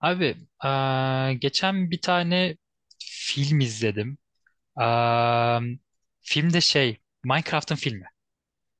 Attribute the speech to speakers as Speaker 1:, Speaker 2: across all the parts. Speaker 1: Abi, geçen bir tane film izledim. Eee filmde şey, Minecraft'ın filmi.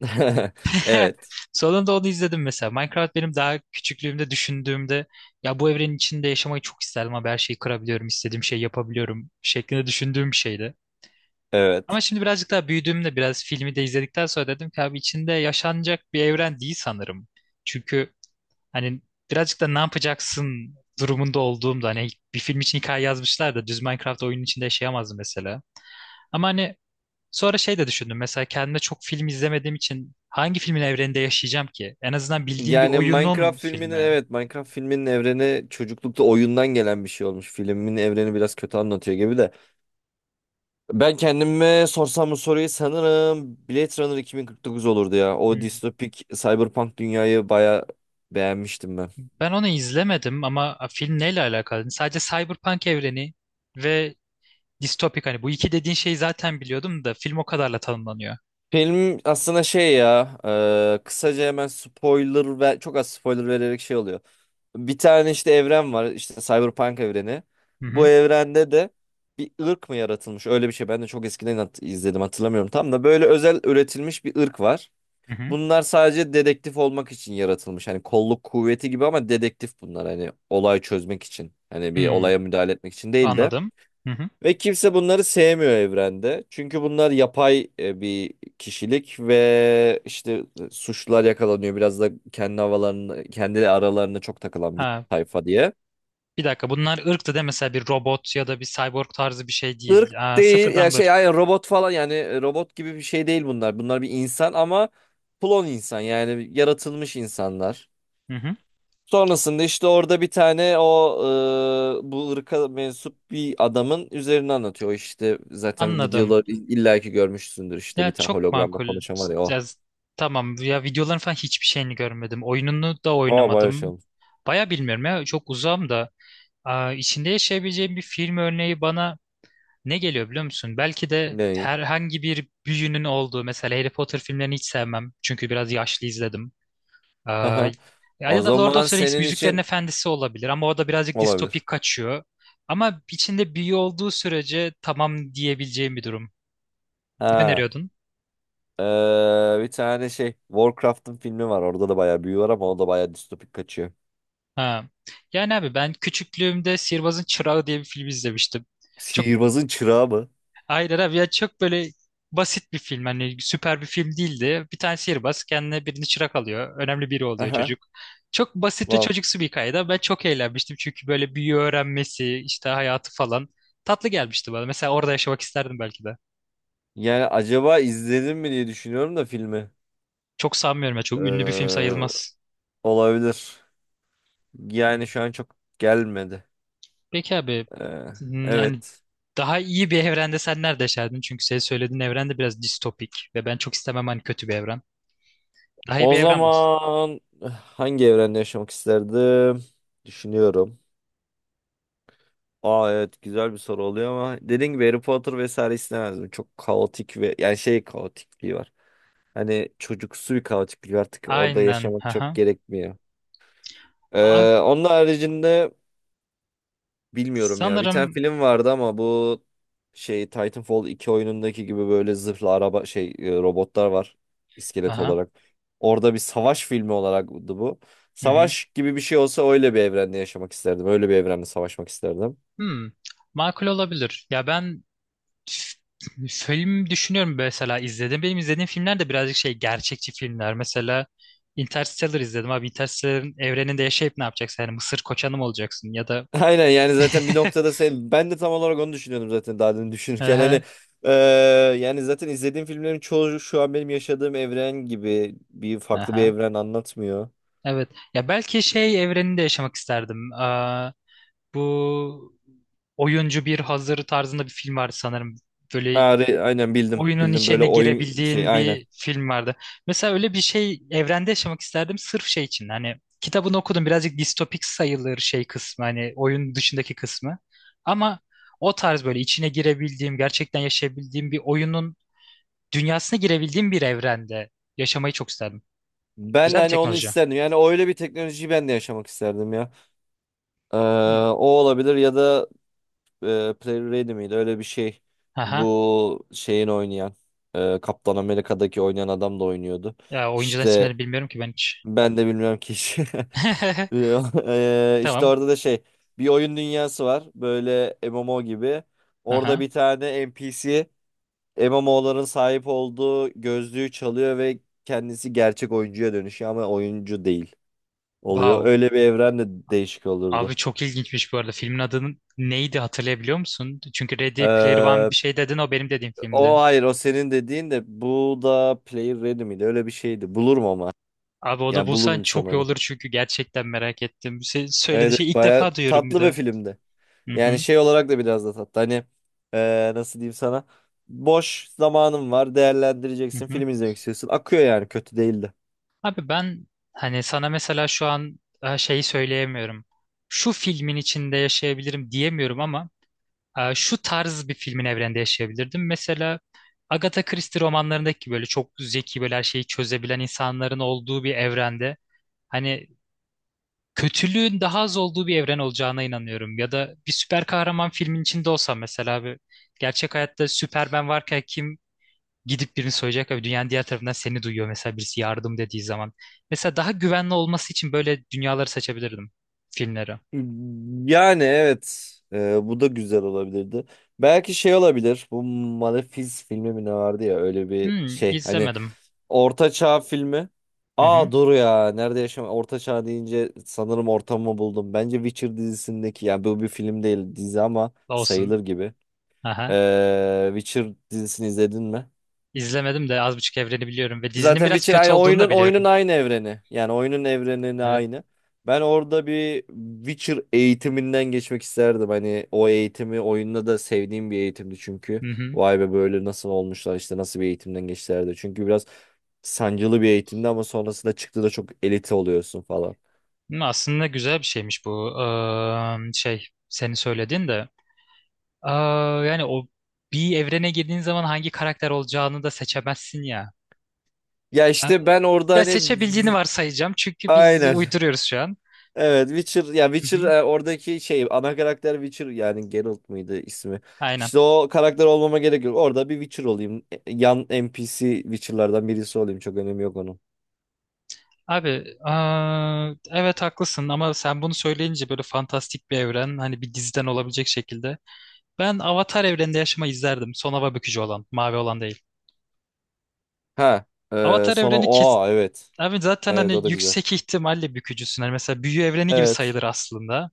Speaker 2: Evet.
Speaker 1: Sonunda onu izledim mesela. Minecraft benim daha küçüklüğümde düşündüğümde ya bu evrenin içinde yaşamayı çok isterdim ama her şeyi kırabiliyorum, istediğim şeyi yapabiliyorum şeklinde düşündüğüm bir şeydi. Ama
Speaker 2: Evet.
Speaker 1: şimdi birazcık daha büyüdüğümde biraz filmi de izledikten sonra dedim ki abi içinde yaşanacak bir evren değil sanırım. Çünkü hani birazcık da ne yapacaksın durumunda olduğumda hani bir film için hikaye yazmışlar da düz Minecraft oyunun içinde yaşayamazdım mesela. Ama hani sonra şey de düşündüm mesela kendime çok film izlemediğim için hangi filmin evreninde yaşayacağım ki? En azından bildiğim bir
Speaker 2: Yani
Speaker 1: oyunun
Speaker 2: Minecraft filminin
Speaker 1: filmi.
Speaker 2: Minecraft filminin evreni çocuklukta oyundan gelen bir şey olmuş. Filmin evreni biraz kötü anlatıyor gibi de. Ben kendime sorsam bu soruyu sanırım Blade Runner 2049 olurdu ya. O
Speaker 1: Hmm.
Speaker 2: distopik cyberpunk dünyayı baya beğenmiştim ben.
Speaker 1: Ben onu izlemedim ama film neyle alakalı? Hani sadece Cyberpunk evreni ve distopik, hani bu iki dediğin şeyi zaten biliyordum da film o kadarla tanımlanıyor.
Speaker 2: Film aslında şey ya, kısaca hemen spoiler ve çok az spoiler vererek şey oluyor. Bir tane işte evren var, işte Cyberpunk evreni.
Speaker 1: Hı
Speaker 2: Bu
Speaker 1: hı.
Speaker 2: evrende de bir ırk mı yaratılmış, öyle bir şey. Ben de çok eskiden izledim, hatırlamıyorum tam da, böyle özel üretilmiş bir ırk var.
Speaker 1: Hı hı.
Speaker 2: Bunlar sadece dedektif olmak için yaratılmış. Hani kolluk kuvveti gibi ama dedektif bunlar, hani olay çözmek için. Hani bir
Speaker 1: Hmm,
Speaker 2: olaya müdahale etmek için değil de.
Speaker 1: anladım. Hı hı.
Speaker 2: Ve kimse bunları sevmiyor evrende. Çünkü bunlar yapay bir kişilik ve işte suçlular yakalanıyor. Biraz da kendi havalarını, kendi aralarına çok takılan bir
Speaker 1: Ha,
Speaker 2: tayfa diye.
Speaker 1: bir dakika, bunlar ırktı değil mi? Mesela bir robot ya da bir cyborg tarzı bir şey değil.
Speaker 2: Irk
Speaker 1: Aa,
Speaker 2: değil ya,
Speaker 1: sıfırdan bir
Speaker 2: şey yani
Speaker 1: ırk.
Speaker 2: robot falan, yani robot gibi bir şey değil bunlar. Bunlar bir insan ama klon insan, yani yaratılmış insanlar.
Speaker 1: Hı hı.
Speaker 2: Sonrasında işte orada bir tane o bu ırka mensup bir adamın üzerini anlatıyor. O İşte zaten
Speaker 1: Anladım.
Speaker 2: videoları illaki görmüşsündür, işte
Speaker 1: Ya
Speaker 2: bir tane
Speaker 1: çok
Speaker 2: hologramla
Speaker 1: makul.
Speaker 2: konuşan var ya, o.
Speaker 1: Ya, z- tamam ya, videoların falan hiçbir şeyini görmedim. Oyununu da
Speaker 2: O bayağı şey
Speaker 1: oynamadım.
Speaker 2: olmuş.
Speaker 1: Baya bilmiyorum ya, çok uzağım da. Aa, içinde yaşayabileceğim bir film örneği bana ne geliyor biliyor musun? Belki de
Speaker 2: Ne iyi.
Speaker 1: herhangi bir büyünün olduğu, mesela Harry Potter filmlerini hiç sevmem. Çünkü biraz yaşlı izledim. Ee,
Speaker 2: Haha. O
Speaker 1: ya da Lord
Speaker 2: zaman
Speaker 1: of the Rings,
Speaker 2: senin
Speaker 1: Müziklerin
Speaker 2: için
Speaker 1: Efendisi olabilir ama o da birazcık
Speaker 2: olabilir.
Speaker 1: distopik kaçıyor. Ama içinde büyü olduğu sürece tamam diyebileceğim bir durum. Ne
Speaker 2: Ha.
Speaker 1: öneriyordun?
Speaker 2: e, Bir tane şey Warcraft'ın filmi var. Orada da bayağı büyü var ama o da bayağı distopik kaçıyor.
Speaker 1: Ha. Yani abi ben küçüklüğümde Sihirbazın Çırağı diye bir film izlemiştim. Çok
Speaker 2: Sihirbazın çırağı mı?
Speaker 1: Hayır abi ya, çok böyle basit bir film, hani süper bir film değildi. Bir tane sihirbaz kendine birini çırak alıyor. Önemli biri oluyor
Speaker 2: Aha.
Speaker 1: çocuk. Çok basit ve
Speaker 2: Wow.
Speaker 1: çocuksu bir hikayede ben çok eğlenmiştim. Çünkü böyle büyü öğrenmesi işte, hayatı falan tatlı gelmişti bana. Mesela orada yaşamak isterdim belki de.
Speaker 2: Yani acaba izledim mi diye düşünüyorum da filmi.
Speaker 1: Çok sanmıyorum ya, çok ünlü bir film
Speaker 2: Ee,
Speaker 1: sayılmaz.
Speaker 2: Olabilir.
Speaker 1: Hmm.
Speaker 2: Yani şu an çok gelmedi.
Speaker 1: Peki abi,
Speaker 2: Ee,
Speaker 1: hmm, yani
Speaker 2: evet.
Speaker 1: daha iyi bir evrende sen nerede yaşardın? Çünkü senin söylediğin evren de biraz distopik ve ben çok istemem hani kötü bir evren. Daha iyi
Speaker 2: O
Speaker 1: bir evren bul.
Speaker 2: zaman hangi evrende yaşamak isterdim? Düşünüyorum. Aa evet, güzel bir soru oluyor ama dediğim gibi Harry Potter vesaire istemezdim. Çok kaotik ve yani şey kaotikliği var. Hani çocuksu bir kaotiklik, artık orada
Speaker 1: Aynen.
Speaker 2: yaşamak çok
Speaker 1: Haha.
Speaker 2: gerekmiyor.
Speaker 1: Abi
Speaker 2: Onun haricinde bilmiyorum ya. Bir tane
Speaker 1: sanırım.
Speaker 2: film vardı ama bu, şey Titanfall iki oyunundaki gibi böyle zırhlı araba şey, robotlar var, iskelet
Speaker 1: Aha.
Speaker 2: olarak. Orada bir savaş filmi olaraktı bu.
Speaker 1: Hı hı.
Speaker 2: Savaş gibi bir şey olsa öyle bir evrende yaşamak isterdim. Öyle bir evrende savaşmak isterdim.
Speaker 1: Hmm. Makul olabilir. F- Film düşünüyorum mesela, izledim. Benim izlediğim filmler de birazcık şey, gerçekçi filmler. Mesela Interstellar izledim abi. Interstellar'ın evreninde yaşayıp ne yapacaksın? Yani Mısır koçanı mı olacaksın? Ya da
Speaker 2: Aynen, yani zaten bir noktada sen, ben de tam olarak onu düşünüyordum zaten daha demin düşünürken hani
Speaker 1: aha,
Speaker 2: e, yani zaten izlediğim filmlerin çoğu şu an benim yaşadığım evren gibi, bir farklı bir
Speaker 1: aha.
Speaker 2: evren anlatmıyor.
Speaker 1: Evet. Ya belki şey evreninde yaşamak isterdim. Aa, bu oyuncu bir hazır tarzında bir film vardı sanırım. Böyle
Speaker 2: Ha, aynen, bildim
Speaker 1: oyunun
Speaker 2: bildim, böyle
Speaker 1: içine
Speaker 2: oyun şey,
Speaker 1: girebildiğin
Speaker 2: aynen.
Speaker 1: bir film vardı. Mesela öyle bir şey evrende yaşamak isterdim sırf şey için. Hani kitabını okudum, birazcık distopik sayılır şey kısmı, hani oyun dışındaki kısmı. Ama o tarz böyle içine girebildiğim, gerçekten yaşayabildiğim bir oyunun dünyasına girebildiğim bir evrende yaşamayı çok isterdim.
Speaker 2: Ben de
Speaker 1: Güzel bir
Speaker 2: hani onu
Speaker 1: teknoloji.
Speaker 2: isterdim. Yani öyle bir teknolojiyi ben de yaşamak isterdim ya. Ee,
Speaker 1: Hmm.
Speaker 2: O olabilir ya da Player Ready miydi? Öyle bir şey.
Speaker 1: Aha.
Speaker 2: Bu şeyin oynayan, Kaptan Amerika'daki oynayan adam da oynuyordu.
Speaker 1: Ya oyuncuların
Speaker 2: İşte
Speaker 1: isimlerini bilmiyorum ki ben hiç.
Speaker 2: ben de bilmiyorum ki. İşte
Speaker 1: Tamam.
Speaker 2: orada da şey, bir oyun dünyası var. Böyle MMO gibi. Orada
Speaker 1: Aha.
Speaker 2: bir tane NPC, MMO'ların sahip olduğu gözlüğü çalıyor ve kendisi gerçek oyuncuya dönüşüyor ama oyuncu değil. Oluyor.
Speaker 1: Wow.
Speaker 2: Öyle bir evren de değişik
Speaker 1: Abi
Speaker 2: olurdu.
Speaker 1: çok ilginçmiş bu arada. Filmin adının neydi hatırlayabiliyor musun? Çünkü Ready Player One bir
Speaker 2: Ee,
Speaker 1: şey dedin, o benim dediğim filmdi.
Speaker 2: o hayır, o senin dediğin, de bu da Player Ready miydi? Öyle bir şeydi. Bulurum ama.
Speaker 1: Abi onu
Speaker 2: Yani
Speaker 1: bulsan
Speaker 2: bulurum sana
Speaker 1: çok iyi
Speaker 2: onu.
Speaker 1: olur çünkü gerçekten merak ettim. Sen söylediğin
Speaker 2: Evet
Speaker 1: şeyi
Speaker 2: evet,
Speaker 1: ilk
Speaker 2: baya
Speaker 1: defa duyuyorum bir
Speaker 2: tatlı bir
Speaker 1: de.
Speaker 2: filmdi.
Speaker 1: Hı
Speaker 2: Yani
Speaker 1: hı,
Speaker 2: şey olarak da biraz da tatlı. Hani nasıl diyeyim sana? Boş zamanın var,
Speaker 1: hı
Speaker 2: değerlendireceksin,
Speaker 1: hı.
Speaker 2: film izlemek istiyorsun. Akıyor, yani kötü değildi.
Speaker 1: Abi ben hani sana mesela şu an şeyi söyleyemiyorum. Şu filmin içinde yaşayabilirim diyemiyorum ama şu tarz bir filmin evrende yaşayabilirdim. Mesela Agatha Christie romanlarındaki böyle çok zeki, böyle her şeyi çözebilen insanların olduğu bir evrende. Hani kötülüğün daha az olduğu bir evren olacağına inanıyorum. Ya da bir süper kahraman filmin içinde olsam mesela abi, gerçek hayatta Superman varken kim gidip birini soyacak abi, dünyanın diğer tarafından seni duyuyor mesela birisi yardım dediği zaman. Mesela daha güvenli olması için böyle dünyaları seçebilirdim, filmleri.
Speaker 2: Yani evet, bu da güzel olabilirdi. Belki şey olabilir, bu Malefiz filmi mi ne vardı ya, öyle bir
Speaker 1: Hmm,
Speaker 2: şey, hani
Speaker 1: izlemedim.
Speaker 2: Orta Çağ filmi.
Speaker 1: Hı
Speaker 2: Aa
Speaker 1: hı,
Speaker 2: dur ya. Nerede yaşam? Orta Çağ deyince sanırım ortamı buldum. Bence Witcher dizisindeki, ya bu bir film değil dizi ama
Speaker 1: olsun.
Speaker 2: sayılır gibi.
Speaker 1: Aha.
Speaker 2: Witcher dizisini izledin mi?
Speaker 1: İzlemedim de az buçuk evreni biliyorum ve dizinin
Speaker 2: Zaten
Speaker 1: biraz
Speaker 2: Witcher
Speaker 1: kötü
Speaker 2: aynı,
Speaker 1: olduğunu da
Speaker 2: oyunun
Speaker 1: biliyorum.
Speaker 2: aynı evreni. Yani oyunun evrenini
Speaker 1: Evet.
Speaker 2: aynı. Ben orada bir Witcher eğitiminden geçmek isterdim. Hani o eğitimi oyunda da sevdiğim bir eğitimdi çünkü.
Speaker 1: Hı hı.
Speaker 2: Vay be, böyle nasıl olmuşlar işte, nasıl bir eğitimden geçtilerdi. Çünkü biraz sancılı bir eğitimdi ama sonrasında çıktı da çok elite oluyorsun falan.
Speaker 1: Hı, aslında güzel bir şeymiş bu. Şey, senin söylediğin de. Aa, yani o bir evrene girdiğin zaman hangi karakter olacağını da seçemezsin ya.
Speaker 2: Ya
Speaker 1: Ha,
Speaker 2: işte ben orada
Speaker 1: ya
Speaker 2: hani
Speaker 1: seçebildiğini
Speaker 2: v-
Speaker 1: varsayacağım çünkü biz
Speaker 2: aynen.
Speaker 1: uyduruyoruz şu an.
Speaker 2: Evet Witcher, ya
Speaker 1: Hı
Speaker 2: Witcher
Speaker 1: hı,
Speaker 2: oradaki şey ana karakter Witcher, yani Geralt mıydı ismi?
Speaker 1: aynen.
Speaker 2: İşte o karakter olmama gerek yok. Orada bir Witcher olayım. E, yan NPC Witcher'lardan birisi olayım. Çok önemi yok onun.
Speaker 1: Abi, aa, evet haklısın ama sen bunu söyleyince böyle fantastik bir evren, hani bir diziden olabilecek şekilde. Ben Avatar evreninde yaşamayı izlerdim. Son hava bükücü olan, mavi olan değil.
Speaker 2: Ha,
Speaker 1: Avatar
Speaker 2: sonra
Speaker 1: evreni kes...
Speaker 2: o, evet.
Speaker 1: Abi zaten
Speaker 2: Evet
Speaker 1: hani
Speaker 2: o da güzel.
Speaker 1: yüksek ihtimalle bükücüsün. Hani mesela büyü evreni gibi
Speaker 2: Evet.
Speaker 1: sayılır aslında.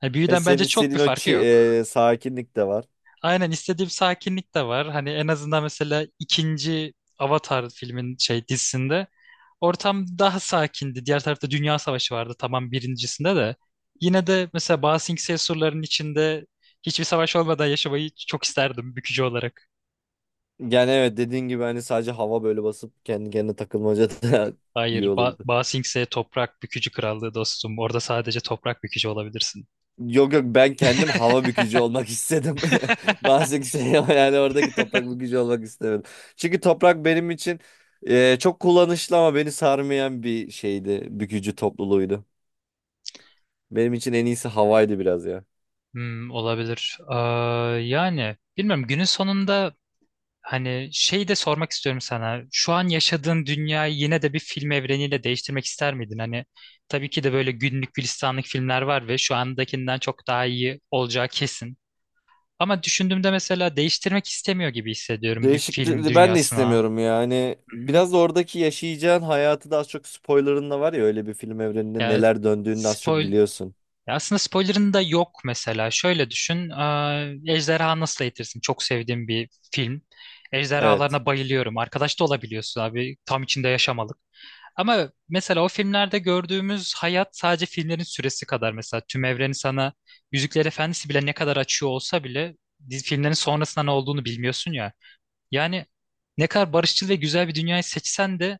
Speaker 1: Hani
Speaker 2: E,
Speaker 1: büyüden
Speaker 2: senin
Speaker 1: bence çok bir
Speaker 2: istediğin o
Speaker 1: farkı yok.
Speaker 2: sakinlik de var.
Speaker 1: Aynen istediğim sakinlik de var. Hani en azından mesela ikinci Avatar filmin şey dizisinde ortam daha sakindi. Diğer tarafta Dünya Savaşı vardı, tamam birincisinde de. Yine de mesela Ba Sing Se surlarının içinde hiçbir savaş olmadan yaşamayı çok isterdim bükücü olarak.
Speaker 2: Yani evet, dediğin gibi hani sadece hava böyle basıp kendi kendine takılmaca da iyi
Speaker 1: Hayır,
Speaker 2: olurdu.
Speaker 1: Ba Sing Se toprak bükücü krallığı dostum. Orada sadece toprak bükücü olabilirsin.
Speaker 2: Yok yok, ben kendim hava bükücü olmak istedim. Bazı kimseye ama yani oradaki toprak bükücü olmak istemedim. Çünkü toprak benim için çok kullanışlı ama beni sarmayan bir şeydi. Bükücü topluluğuydu. Benim için en iyisi havaydı biraz ya.
Speaker 1: Hmm, olabilir. Aa, yani bilmiyorum günün sonunda, hani şey de sormak istiyorum sana. Şu an yaşadığın dünyayı yine de bir film evreniyle değiştirmek ister miydin? Hani tabii ki de böyle günlük gülistanlık filmler var ve şu andakinden çok daha iyi olacağı kesin. Ama düşündüğümde mesela değiştirmek istemiyor gibi hissediyorum bir film
Speaker 2: Değişikti, ben de
Speaker 1: dünyasına.
Speaker 2: istemiyorum yani.
Speaker 1: Hı hı.
Speaker 2: Biraz da oradaki yaşayacağın hayatı da, az çok spoilerın da var ya, öyle bir film evreninde
Speaker 1: Ya
Speaker 2: neler döndüğünü de az çok
Speaker 1: spoil
Speaker 2: biliyorsun.
Speaker 1: ya aslında spoiler'ın da yok mesela. Şöyle düşün. Ejderha Nasıl Eğitirsin? Çok sevdiğim bir film.
Speaker 2: Evet.
Speaker 1: Ejderhalarına bayılıyorum. Arkadaş da olabiliyorsun abi. Tam içinde yaşamalık. Ama mesela o filmlerde gördüğümüz hayat sadece filmlerin süresi kadar, mesela tüm evreni sana Yüzükler Efendisi bile ne kadar açıyor olsa bile, filmlerin sonrasında ne olduğunu bilmiyorsun ya. Yani ne kadar barışçıl ve güzel bir dünyayı seçsen de,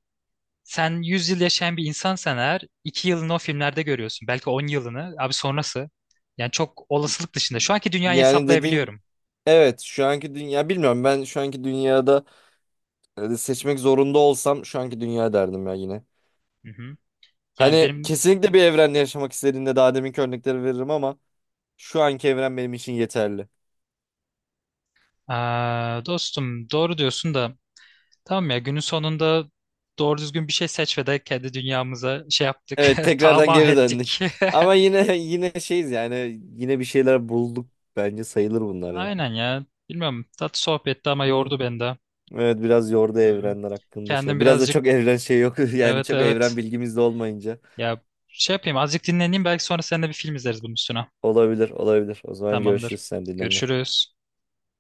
Speaker 1: sen 100 yıl yaşayan bir insansan eğer 2 yılını o filmlerde görüyorsun. Belki 10 yılını abi sonrası. Yani çok olasılık dışında. Şu anki dünyayı
Speaker 2: Yani dediğin,
Speaker 1: hesaplayabiliyorum.
Speaker 2: evet, şu anki dünya bilmiyorum, ben şu anki dünyada seçmek zorunda olsam şu anki dünya derdim ya yine.
Speaker 1: Hı hı. Yani
Speaker 2: Hani
Speaker 1: benim.
Speaker 2: kesinlikle bir evrende yaşamak istediğimde daha deminki örnekleri veririm ama şu anki evren benim için yeterli.
Speaker 1: Aa, dostum doğru diyorsun da, tamam ya günün sonunda doğru düzgün bir şey seç ve de kendi dünyamıza şey yaptık.
Speaker 2: Evet, tekrardan
Speaker 1: Tamah
Speaker 2: geri döndük.
Speaker 1: ettik.
Speaker 2: Ama yine yine şeyiz, yani yine bir şeyler bulduk bence, sayılır bunlar ya.
Speaker 1: Aynen ya. Bilmiyorum. Tatlı sohbetti ama
Speaker 2: Hı.
Speaker 1: yordu beni de.
Speaker 2: Evet, biraz yordu
Speaker 1: Hı hı.
Speaker 2: evrenler hakkında şey.
Speaker 1: Kendim
Speaker 2: Biraz da çok
Speaker 1: birazcık,
Speaker 2: evren şey yok yani
Speaker 1: evet
Speaker 2: çok
Speaker 1: evet.
Speaker 2: evren bilgimiz de olmayınca.
Speaker 1: Ya şey yapayım azıcık dinleneyim, belki sonra seninle bir film izleriz bunun üstüne.
Speaker 2: Olabilir olabilir. O zaman görüşürüz,
Speaker 1: Tamamdır.
Speaker 2: sen dinlen.
Speaker 1: Görüşürüz.